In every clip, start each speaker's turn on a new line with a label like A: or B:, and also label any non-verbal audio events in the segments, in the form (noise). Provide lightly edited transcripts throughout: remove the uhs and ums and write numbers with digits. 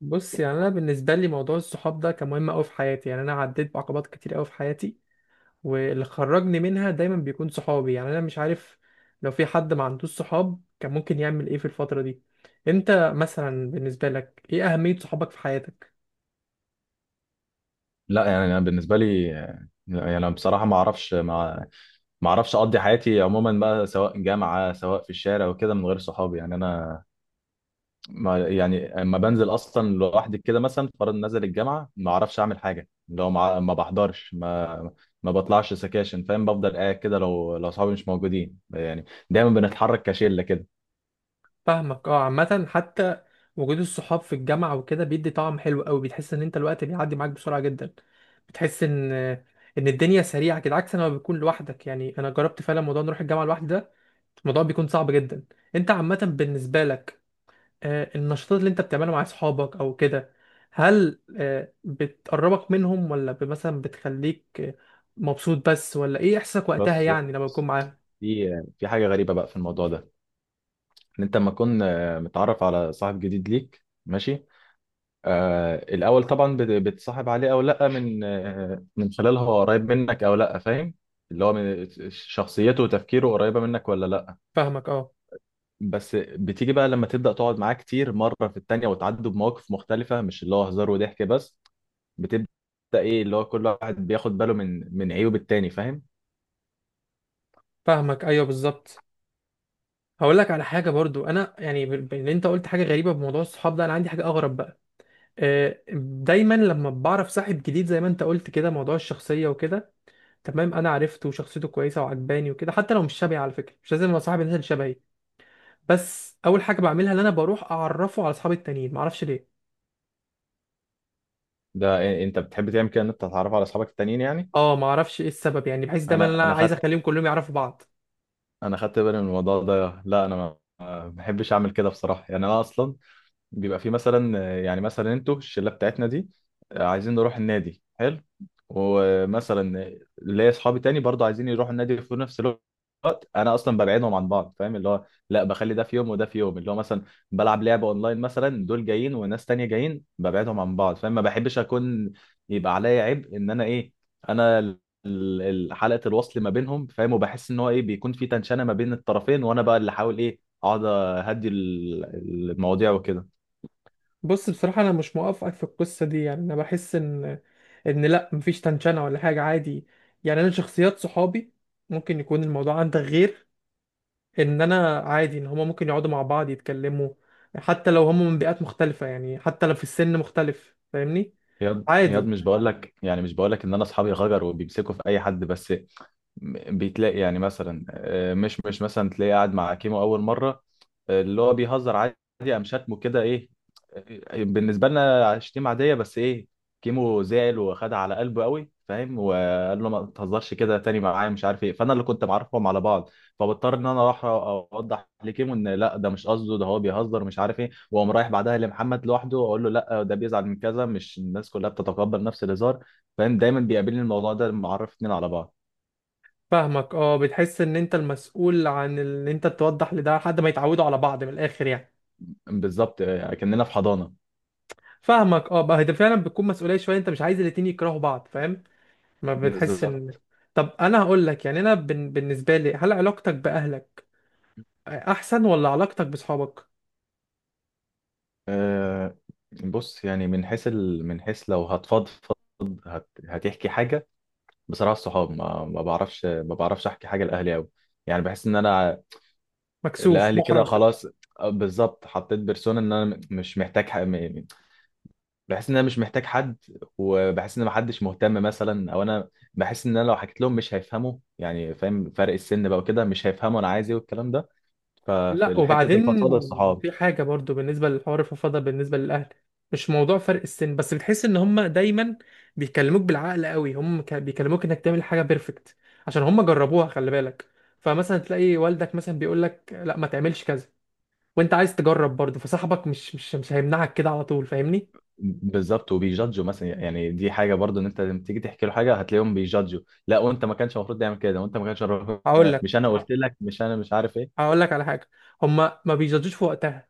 A: بص، يعني انا بالنسبه لي موضوع الصحاب ده كان مهم قوي في حياتي. يعني انا عديت بعقبات كتير قوي في حياتي، واللي خرجني منها دايما بيكون صحابي. يعني انا مش عارف، لو في حد ما عندوش صحاب كان ممكن يعمل ايه في الفتره دي؟ انت مثلا بالنسبه لك ايه اهميه صحابك في حياتك؟
B: لا يعني انا بالنسبه لي، يعني انا بصراحه ما اعرفش اقضي حياتي عموما بقى، سواء جامعه سواء في الشارع وكده، من غير صحابي. يعني انا ما يعني اما بنزل اصلا لوحدي كده، مثلا فرض نزل الجامعه، ما اعرفش اعمل حاجه. لو ما بحضرش، ما بطلعش سكاشن، فاهم؟ بفضل قاعد كده لو صحابي مش موجودين. يعني دايما بنتحرك كشله كده.
A: فاهمك، اه. عامه حتى وجود الصحاب في الجامعه وكده بيدي طعم حلو قوي، بتحس ان انت الوقت بيعدي معاك بسرعه جدا. بتحس ان الدنيا سريعه كده، عكس لما بتكون لوحدك. يعني انا جربت فعلا موضوع نروح الجامعه لوحدي ده، الموضوع بيكون صعب جدا. انت عامة بالنسبة لك، النشاطات اللي انت بتعملها مع اصحابك او كده، هل بتقربك منهم ولا مثلا بتخليك مبسوط بس، ولا ايه احساسك وقتها
B: بس
A: يعني لما
B: بس
A: بتكون معاهم؟
B: في في حاجه غريبه بقى في الموضوع ده، ان انت لما تكون متعرف على صاحب جديد ليك، ماشي، الأول طبعا بتصاحب عليه أو لأ من من خلال هو قريب منك أو لأ، فاهم؟ اللي هو من شخصيته وتفكيره قريبة منك ولا لأ.
A: فاهمك، اه.
B: بس بتيجي بقى لما تبدأ تقعد معاه كتير، مرة في التانية، وتعدوا بمواقف مختلفة، مش اللي هو هزار وضحك بس. بتبدأ إيه، اللي هو كل واحد بياخد باله من عيوب التاني، فاهم؟
A: فاهمك، ايوه بالظبط. هقول لك على حاجة برضو. انا يعني ان انت قلت حاجة غريبة بموضوع الصحاب ده، انا عندي حاجة اغرب بقى. آه، دايما لما بعرف صاحب جديد، زي ما انت قلت كده، موضوع الشخصية وكده تمام. انا عرفته وشخصيته كويسة وعجباني وكده، حتى لو مش شبهي. على فكرة مش لازم ابقى صاحب الناس اللي شبهي، بس اول حاجه بعملها ان انا بروح اعرفه على اصحابي التانيين، ما اعرفش ليه.
B: ده إيه- أنت بتحب تعمل كده، إن أنت تتعرف على أصحابك التانيين يعني؟
A: اه ما اعرفش ايه السبب، يعني بحيث دايما
B: أنا
A: انا
B: أنا
A: عايز
B: خدت
A: اخليهم كلهم يعرفوا بعض.
B: أنا خدت بالي من الموضوع ده. لا أنا ما بحبش أعمل كده بصراحة. يعني أنا أصلا بيبقى في مثلا، يعني مثلا انتوا الشله بتاعتنا دي عايزين نروح النادي، حلو، ومثلا ليا اصحابي تاني برضو عايزين يروحوا النادي في نفس الوقت. انا اصلا ببعدهم عن بعض، فاهم؟ اللي هو لا بخلي ده في يوم وده في يوم، اللي هو مثلا بلعب لعبه اونلاين مثلا، دول جايين وناس تانية جايين، ببعدهم عن بعض، فاهم؟ ما بحبش اكون يبقى عليا عبء ان انا ايه، انا حلقه الوصل ما بينهم، فاهم؟ وبحس ان هو ايه، بيكون في تنشنه ما بين الطرفين، وانا بقى اللي احاول ايه اقعد اهدي المواضيع وكده.
A: بص، بصراحه انا مش موافقك في القصه دي. يعني انا بحس ان لا، مفيش تنشنه ولا حاجه، عادي. يعني انا شخصيات صحابي، ممكن يكون الموضوع عندك غير، ان انا عادي ان هما ممكن يقعدوا مع بعض يتكلموا حتى لو هما من بيئات مختلفه. يعني حتى لو في السن مختلف، فاهمني؟
B: ياد ياد
A: عادي.
B: مش بقول لك، يعني مش بقول لك ان انا اصحابي غجر وبيمسكوا في اي حد. بس بيتلاقي يعني مثلا، مش مثلا تلاقيه قاعد مع كيمو اول مره، اللي هو بيهزر عادي، قام شتمه كده. ايه، بالنسبه لنا شتيمه عاديه، بس ايه، كيمو زعل وخدها على قلبه قوي، فاهم؟ وقال له ما تهزرش كده تاني معايا، مش عارف ايه. فانا اللي كنت معرفهم على بعض، فبضطر ان انا اروح اوضح لكيمو ان لا ده مش قصده، ده هو بيهزر مش عارف ايه، واقوم رايح بعدها لمحمد لوحده اقول له لا ده بيزعل من كذا، مش الناس كلها بتتقبل نفس الهزار، فاهم؟ دايما بيقابلني الموضوع ده لما اعرف اتنين على بعض.
A: فاهمك، اه. بتحس ان انت المسؤول عن ان انت توضح لده لحد ما يتعودوا على بعض، من الاخر يعني؟
B: بالظبط، كاننا في حضانه.
A: فاهمك، اه. بقى ده فعلا بتكون مسؤوليه شويه، انت مش عايز الاتنين يكرهوا بعض، فاهم؟ ما بتحس
B: بالظبط.
A: ان. طب انا هقول لك، يعني انا بالنسبه لي، هل علاقتك باهلك احسن ولا علاقتك بصحابك؟
B: أه، بص يعني من حيث من حيث لو هتفضفض، هتحكي حاجة بصراحة، الصحاب. ما بعرفش ما بعرفش أحكي حاجة لأهلي أوي. يعني بحس إن أنا
A: مكسوف،
B: لأهلي كده
A: محرج.
B: خلاص. بالظبط، حطيت بيرسونا إن أنا م- مش محتاج ح... م- بحس إن أنا مش محتاج حد، وبحس إن محدش مهتم مثلا، أو أنا بحس إن أنا لو حكيت لهم مش هيفهموا، يعني فاهم، فرق السن بقى وكده، مش هيفهموا أنا عايز إيه والكلام ده.
A: لا
B: ففي حتة
A: وبعدين،
B: الفضفضة الصحاب.
A: في حاجة برضو بالنسبة للحوار، الفضفضة بالنسبة للأهل، مش موضوع فرق السن بس. بتحس إن هما دايما بيكلموك بالعقل قوي. هم بيكلموك إنك تعمل حاجة بيرفكت عشان هما جربوها، خلي بالك. فمثلا تلاقي والدك مثلا بيقول لك لا ما تعملش كذا، وأنت عايز تجرب برضو. فصاحبك مش هيمنعك كده على طول، فاهمني؟
B: بالظبط، وبيجادجوا مثلا. يعني دي حاجه برضو، ان انت لما تيجي تحكي له حاجه هتلاقيهم بيجادجوا، لا وانت ما كانش المفروض تعمل كده، وانت ما كانش المفروض،
A: هقول لك
B: مش انا قلت لك، مش انا مش عارف ايه.
A: هقول لك على حاجة. هما ما بيجادجوش في وقتها،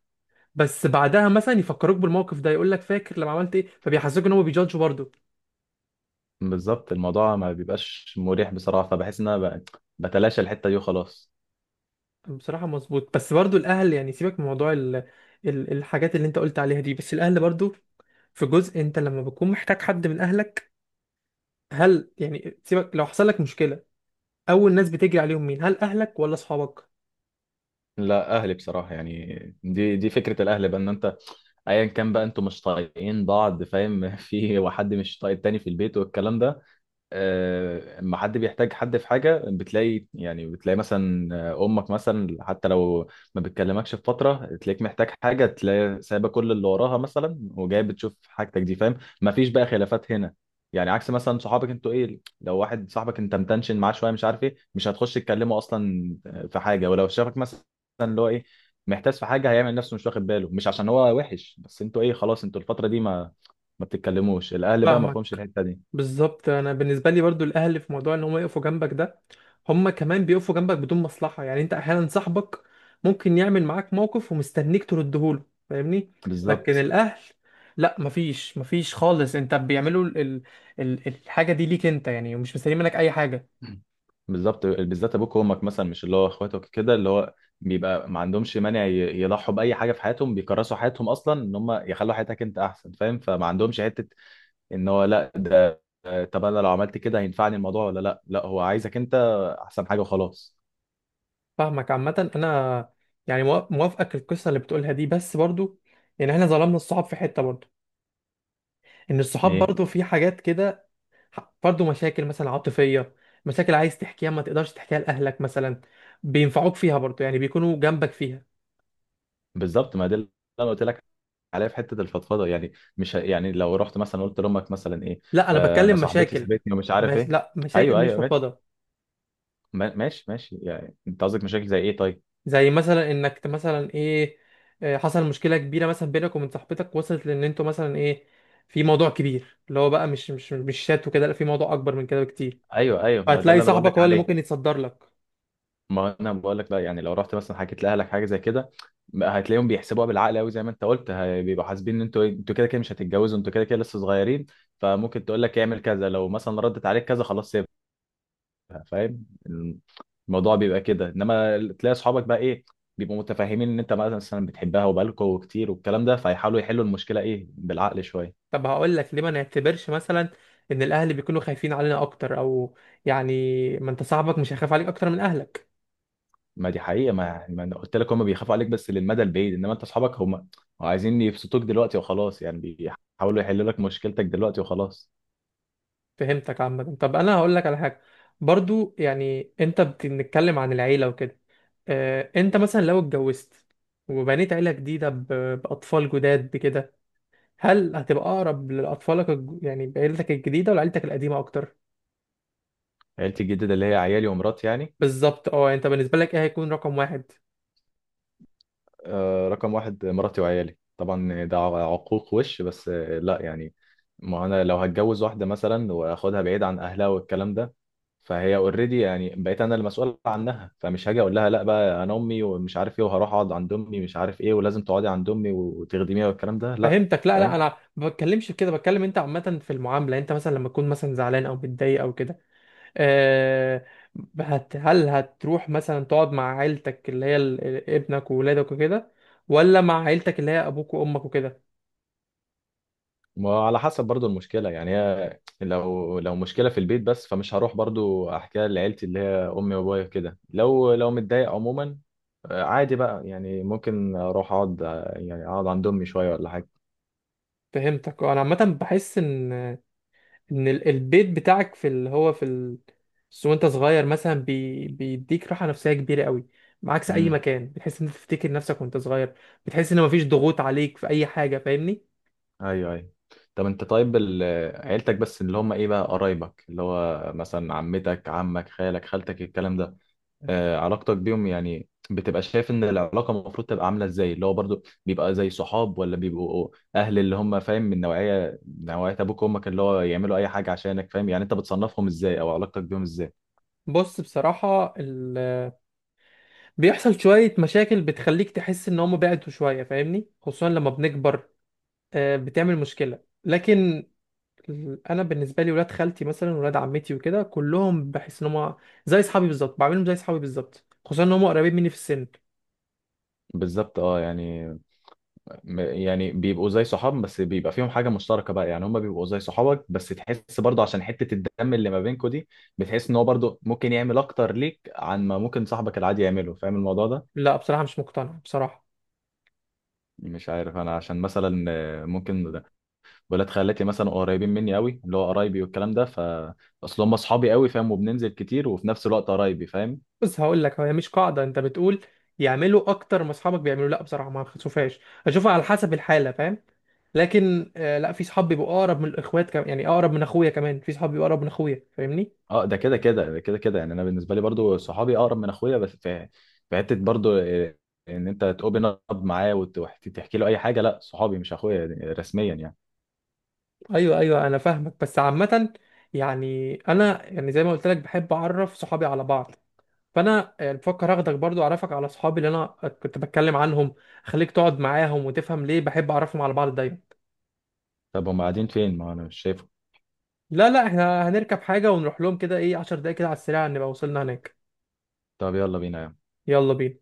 A: بس بعدها مثلا يفكروك بالموقف ده، يقول لك فاكر لما عملت ايه، فبيحسسوك ان هم بيجادجوا برضو.
B: بالظبط، الموضوع ما بيبقاش مريح بصراحه، فبحس ان انا بتلاشى الحته دي وخلاص.
A: بصراحة مظبوط. بس برضو الأهل، يعني سيبك من موضوع الحاجات اللي أنت قلت عليها دي. بس الأهل برضو، في جزء أنت لما بتكون محتاج حد من أهلك، هل يعني سيبك لو حصل لك مشكلة، أول ناس بتجري عليهم مين؟ هل أهلك ولا أصحابك؟
B: لا اهلي بصراحه، يعني دي فكره الاهل بقى، ان انت ايا كان بقى انتوا مش طايقين بعض، فاهم؟ (laughs) في واحد مش طايق التاني في البيت والكلام ده، اما حد بيحتاج حد في حاجه، بتلاقي يعني بتلاقي مثلا امك مثلا، حتى لو ما بتكلمكش في فتره، تلاقيك محتاج حاجه، تلاقي سايبه كل اللي وراها مثلا وجايه بتشوف حاجتك دي، فاهم؟ ما فيش بقى خلافات هنا. يعني عكس مثلا صحابك، انتوا ايه، لو واحد صاحبك انت متنشن معاه شويه مش عارف ايه، مش هتخش تكلمه اصلا في حاجه. ولو شافك مثلا اللي هو ايه، محتاج في حاجه، هيعمل نفسه مش واخد باله، مش عشان هو وحش، بس انتوا ايه خلاص انتوا الفتره دي ما بتتكلموش. الاهل بقى ما
A: فاهمك.
B: فهمش الحته دي.
A: بالظبط. انا بالنسبه لي برضو الاهل، في موضوع ان هم يقفوا جنبك ده، هم كمان بيقفوا جنبك بدون مصلحه. يعني انت احيانا صاحبك ممكن يعمل معاك موقف ومستنيك تردهوله، فاهمني؟ لكن
B: بالظبط.
A: الاهل لا، مفيش خالص. انت بيعملوا الحاجه دي ليك انت يعني، ومش مستنيين منك اي حاجه.
B: مم. بالظبط، بالذات ابوك وامك مثلا، مش اللي هو اخواتك كده، اللي هو بيبقى ما عندهمش مانع يضحوا باي حاجه في حياتهم، بيكرسوا حياتهم اصلا ان هم يخلوا حياتك انت احسن، فاهم؟ فما عندهمش حته ان هو لا ده طب انا لو عملت كده هينفعني الموضوع ولا لا، لا هو عايزك انت احسن حاجه وخلاص.
A: فاهمك. عامه انا يعني موافقك القصه اللي بتقولها دي. بس برضو يعني احنا ظلمنا الصحاب في حته برضو، ان الصحاب
B: ايه،
A: برضو في حاجات كده برضه. مشاكل مثلا عاطفية، مشاكل عايز تحكيها ما تقدرش تحكيها لأهلك مثلا، بينفعوك فيها برضه، يعني بيكونوا جنبك فيها.
B: بالظبط ما ده اللي انا قلت لك، عليا في حته الفضفضه، يعني مش ه- يعني لو رحت مثلا قلت لامك مثلا ايه،
A: لا أنا
B: آه انا
A: بتكلم
B: صاحبتي
A: مشاكل
B: سابتني ومش عارف
A: مش...
B: ايه.
A: لا مشاكل
B: ايوه
A: مش
B: ايوه ماشي.
A: فضفاضة.
B: ماشي ماشي، يعني انت قصدك مشاكل زي ايه طيب؟
A: زي مثلا إنك مثلا إيه، حصل مشكلة كبيرة مثلا بينك وبين صاحبتك، وصلت لأن أنتوا مثلا إيه، في موضوع كبير، اللي هو بقى مش شات وكده، لا في موضوع أكبر من كده بكتير.
B: ايوه ايوه، ما ده
A: فهتلاقي
B: اللي انا بقول
A: صاحبك
B: لك
A: هو اللي
B: عليه.
A: ممكن يتصدر لك.
B: ما انا بقول لك، لا يعني لو رحت مثلا حكيت لاهلك حاجه زي كده، ما هتلاقيهم بيحسبوها بالعقل قوي زي ما انت قلت، بيبقوا حاسبين ان انتوا إيه، انتوا كده كده مش هتتجوزوا، انتوا كده كده لسه صغيرين، فممكن تقول لك اعمل كذا، لو مثلا ردت عليك كذا خلاص سيبها، فاهم؟ الموضوع بيبقى كده. انما تلاقي اصحابك بقى ايه، بيبقوا متفاهمين ان انت مثلا بتحبها وبقالكوا كتير والكلام ده، فيحاولوا يحلوا المشكله ايه بالعقل شويه.
A: طب هقول لك ليه ما نعتبرش مثلا ان الاهل بيكونوا خايفين علينا اكتر، او يعني ما انت صاحبك مش هيخاف عليك اكتر من اهلك؟
B: ما دي حقيقة، ما يعني ما انا قلت لك، هم بيخافوا عليك بس للمدى البعيد، انما انت اصحابك هم عايزين يبسطوك دلوقتي وخلاص، يعني بيحاولوا يحلوا لك مشكلتك دلوقتي وخلاص.
A: فهمتك. عامه طب انا هقول لك على حاجه برضو، يعني انت بتتكلم عن العيله وكده. اه انت مثلا لو اتجوزت، وبنيت عيله جديده باطفال جداد بكده، هل هتبقى اقرب لاطفالك يعني بعيلتك الجديده ولا عيلتك القديمه اكتر؟
B: عيلتي الجديدة اللي هي عيالي ومراتي يعني.
A: بالظبط، اه. يعني انت بالنسبه لك ايه هيكون رقم واحد؟
B: آه، رقم واحد مراتي وعيالي طبعا، ده عقوق وش بس. آه لا يعني، ما انا لو هتجوز واحدة مثلا واخدها بعيد عن اهلها والكلام ده، فهي اوريدي يعني، بقيت انا المسؤول عنها، فمش هاجي اقول لها لا بقى انا امي ومش عارف ايه، وهروح اقعد عند امي مش عارف ايه، ولازم تقعدي عند امي وتخدميها والكلام ده، لا.
A: فهمتك. لا لا،
B: فاهم.
A: انا ما بتكلمش في كده، بتكلم انت عامه في المعامله. انت مثلا لما تكون مثلا زعلان او متضايق او كده، أه، هل هتروح مثلا تقعد مع عيلتك اللي هي ابنك وولادك وكده، ولا مع عيلتك اللي هي ابوك وامك وكده؟
B: ما على حسب برضو المشكلة يعني، هي لو مشكلة في البيت بس، فمش هروح برضو أحكيها لعيلتي اللي هي أمي وأبويا كده. لو متضايق عموما عادي بقى، يعني ممكن أروح أقعد، يعني أقعد عند أمي شوية ولا حاجة.
A: فهمتك. انا عامه بحس ان البيت بتاعك في اللي هو في بس وانت صغير مثلا، بيديك راحه نفسيه كبيره قوي. عكس اي
B: امم
A: مكان، بتحس ان انت تفتكر نفسك وانت صغير. بتحس ان مفيش ضغوط عليك في اي حاجه، فاهمني؟
B: أيوه أيوه. طب أنت طيب عيلتك بس اللي هم إيه بقى، قرايبك اللي هو مثلا عمتك، عمك، خالك، خالتك، الكلام ده، علاقتك بيهم يعني، بتبقى شايف ان العلاقه المفروض تبقى عامله ازاي؟ اللي هو برضو بيبقى زي صحاب، ولا بيبقوا اهل اللي هم، فاهم؟ من نوعيه، نوعيه ابوك وامك اللي هو يعملوا اي حاجه عشانك، فاهم؟ يعني انت بتصنفهم ازاي، او علاقتك بيهم ازاي؟
A: بص، بصراحة بيحصل شوية مشاكل بتخليك تحس إن هم بعدوا شوية، فاهمني؟ خصوصا لما بنكبر، بتعمل مشكلة. لكن أنا بالنسبة لي ولاد خالتي مثلا، ولاد عمتي وكده، كلهم بحس إن هم زي أصحابي بالظبط، بعملهم زي أصحابي بالظبط، خصوصا إن هم قريبين مني في السن.
B: بالظبط، اه يعني يعني بيبقوا زي صحاب، بس بيبقى فيهم حاجه مشتركه بقى، يعني هم بيبقوا زي صحابك بس تحس برضو عشان حته الدم اللي ما بينكوا دي، بتحس ان هو برضو ممكن يعمل اكتر ليك عن ما ممكن صاحبك العادي يعمله، فاهم الموضوع ده؟
A: لا بصراحة مش مقتنع بصراحة.
B: مش عارف انا، عشان مثلا ممكن ولاد خالاتي مثلا قريبين مني قوي، اللي هو قرايبي والكلام ده، ف اصل هم اصحابي قوي، فاهم؟ وبننزل كتير وفي نفس الوقت قرايبي، فاهم؟
A: بس هقول لك، هي مش قاعده انت بتقول يعملوا اكتر ما اصحابك بيعملوا، لا بصراحه ما بشوفهاش. اشوفها على حسب الحاله، فاهم؟ لكن لا، في صحاب بيبقوا اقرب من الاخوات كمان. يعني اقرب من اخويا كمان، في صحاب بيبقوا اقرب من اخويا، فاهمني؟
B: اه، ده كده كده، ده كده كده يعني. انا بالنسبه لي برضو صحابي اقرب من اخويا، بس في في حته برضو إيه، ان انت تقوبن اب معاه وتحكي له اي حاجه، لا صحابي مش اخويا يعني رسميا يعني.
A: ايوه ايوه انا فاهمك. بس عامه يعني انا، يعني زي ما قلت لك بحب اعرف صحابي على بعض، فانا يعني بفكر اخدك برضو اعرفك على صحابي اللي انا كنت بتكلم عنهم، اخليك تقعد معاهم وتفهم ليه بحب اعرفهم على بعض دايما.
B: طب هم قاعدين فين، ما انا مش شايفه؟
A: لا لا، احنا هنركب حاجه ونروح لهم، كده ايه 10 دقايق كده على السريع، نبقى وصلنا هناك.
B: طب يلا بينا يا عم.
A: يلا بينا.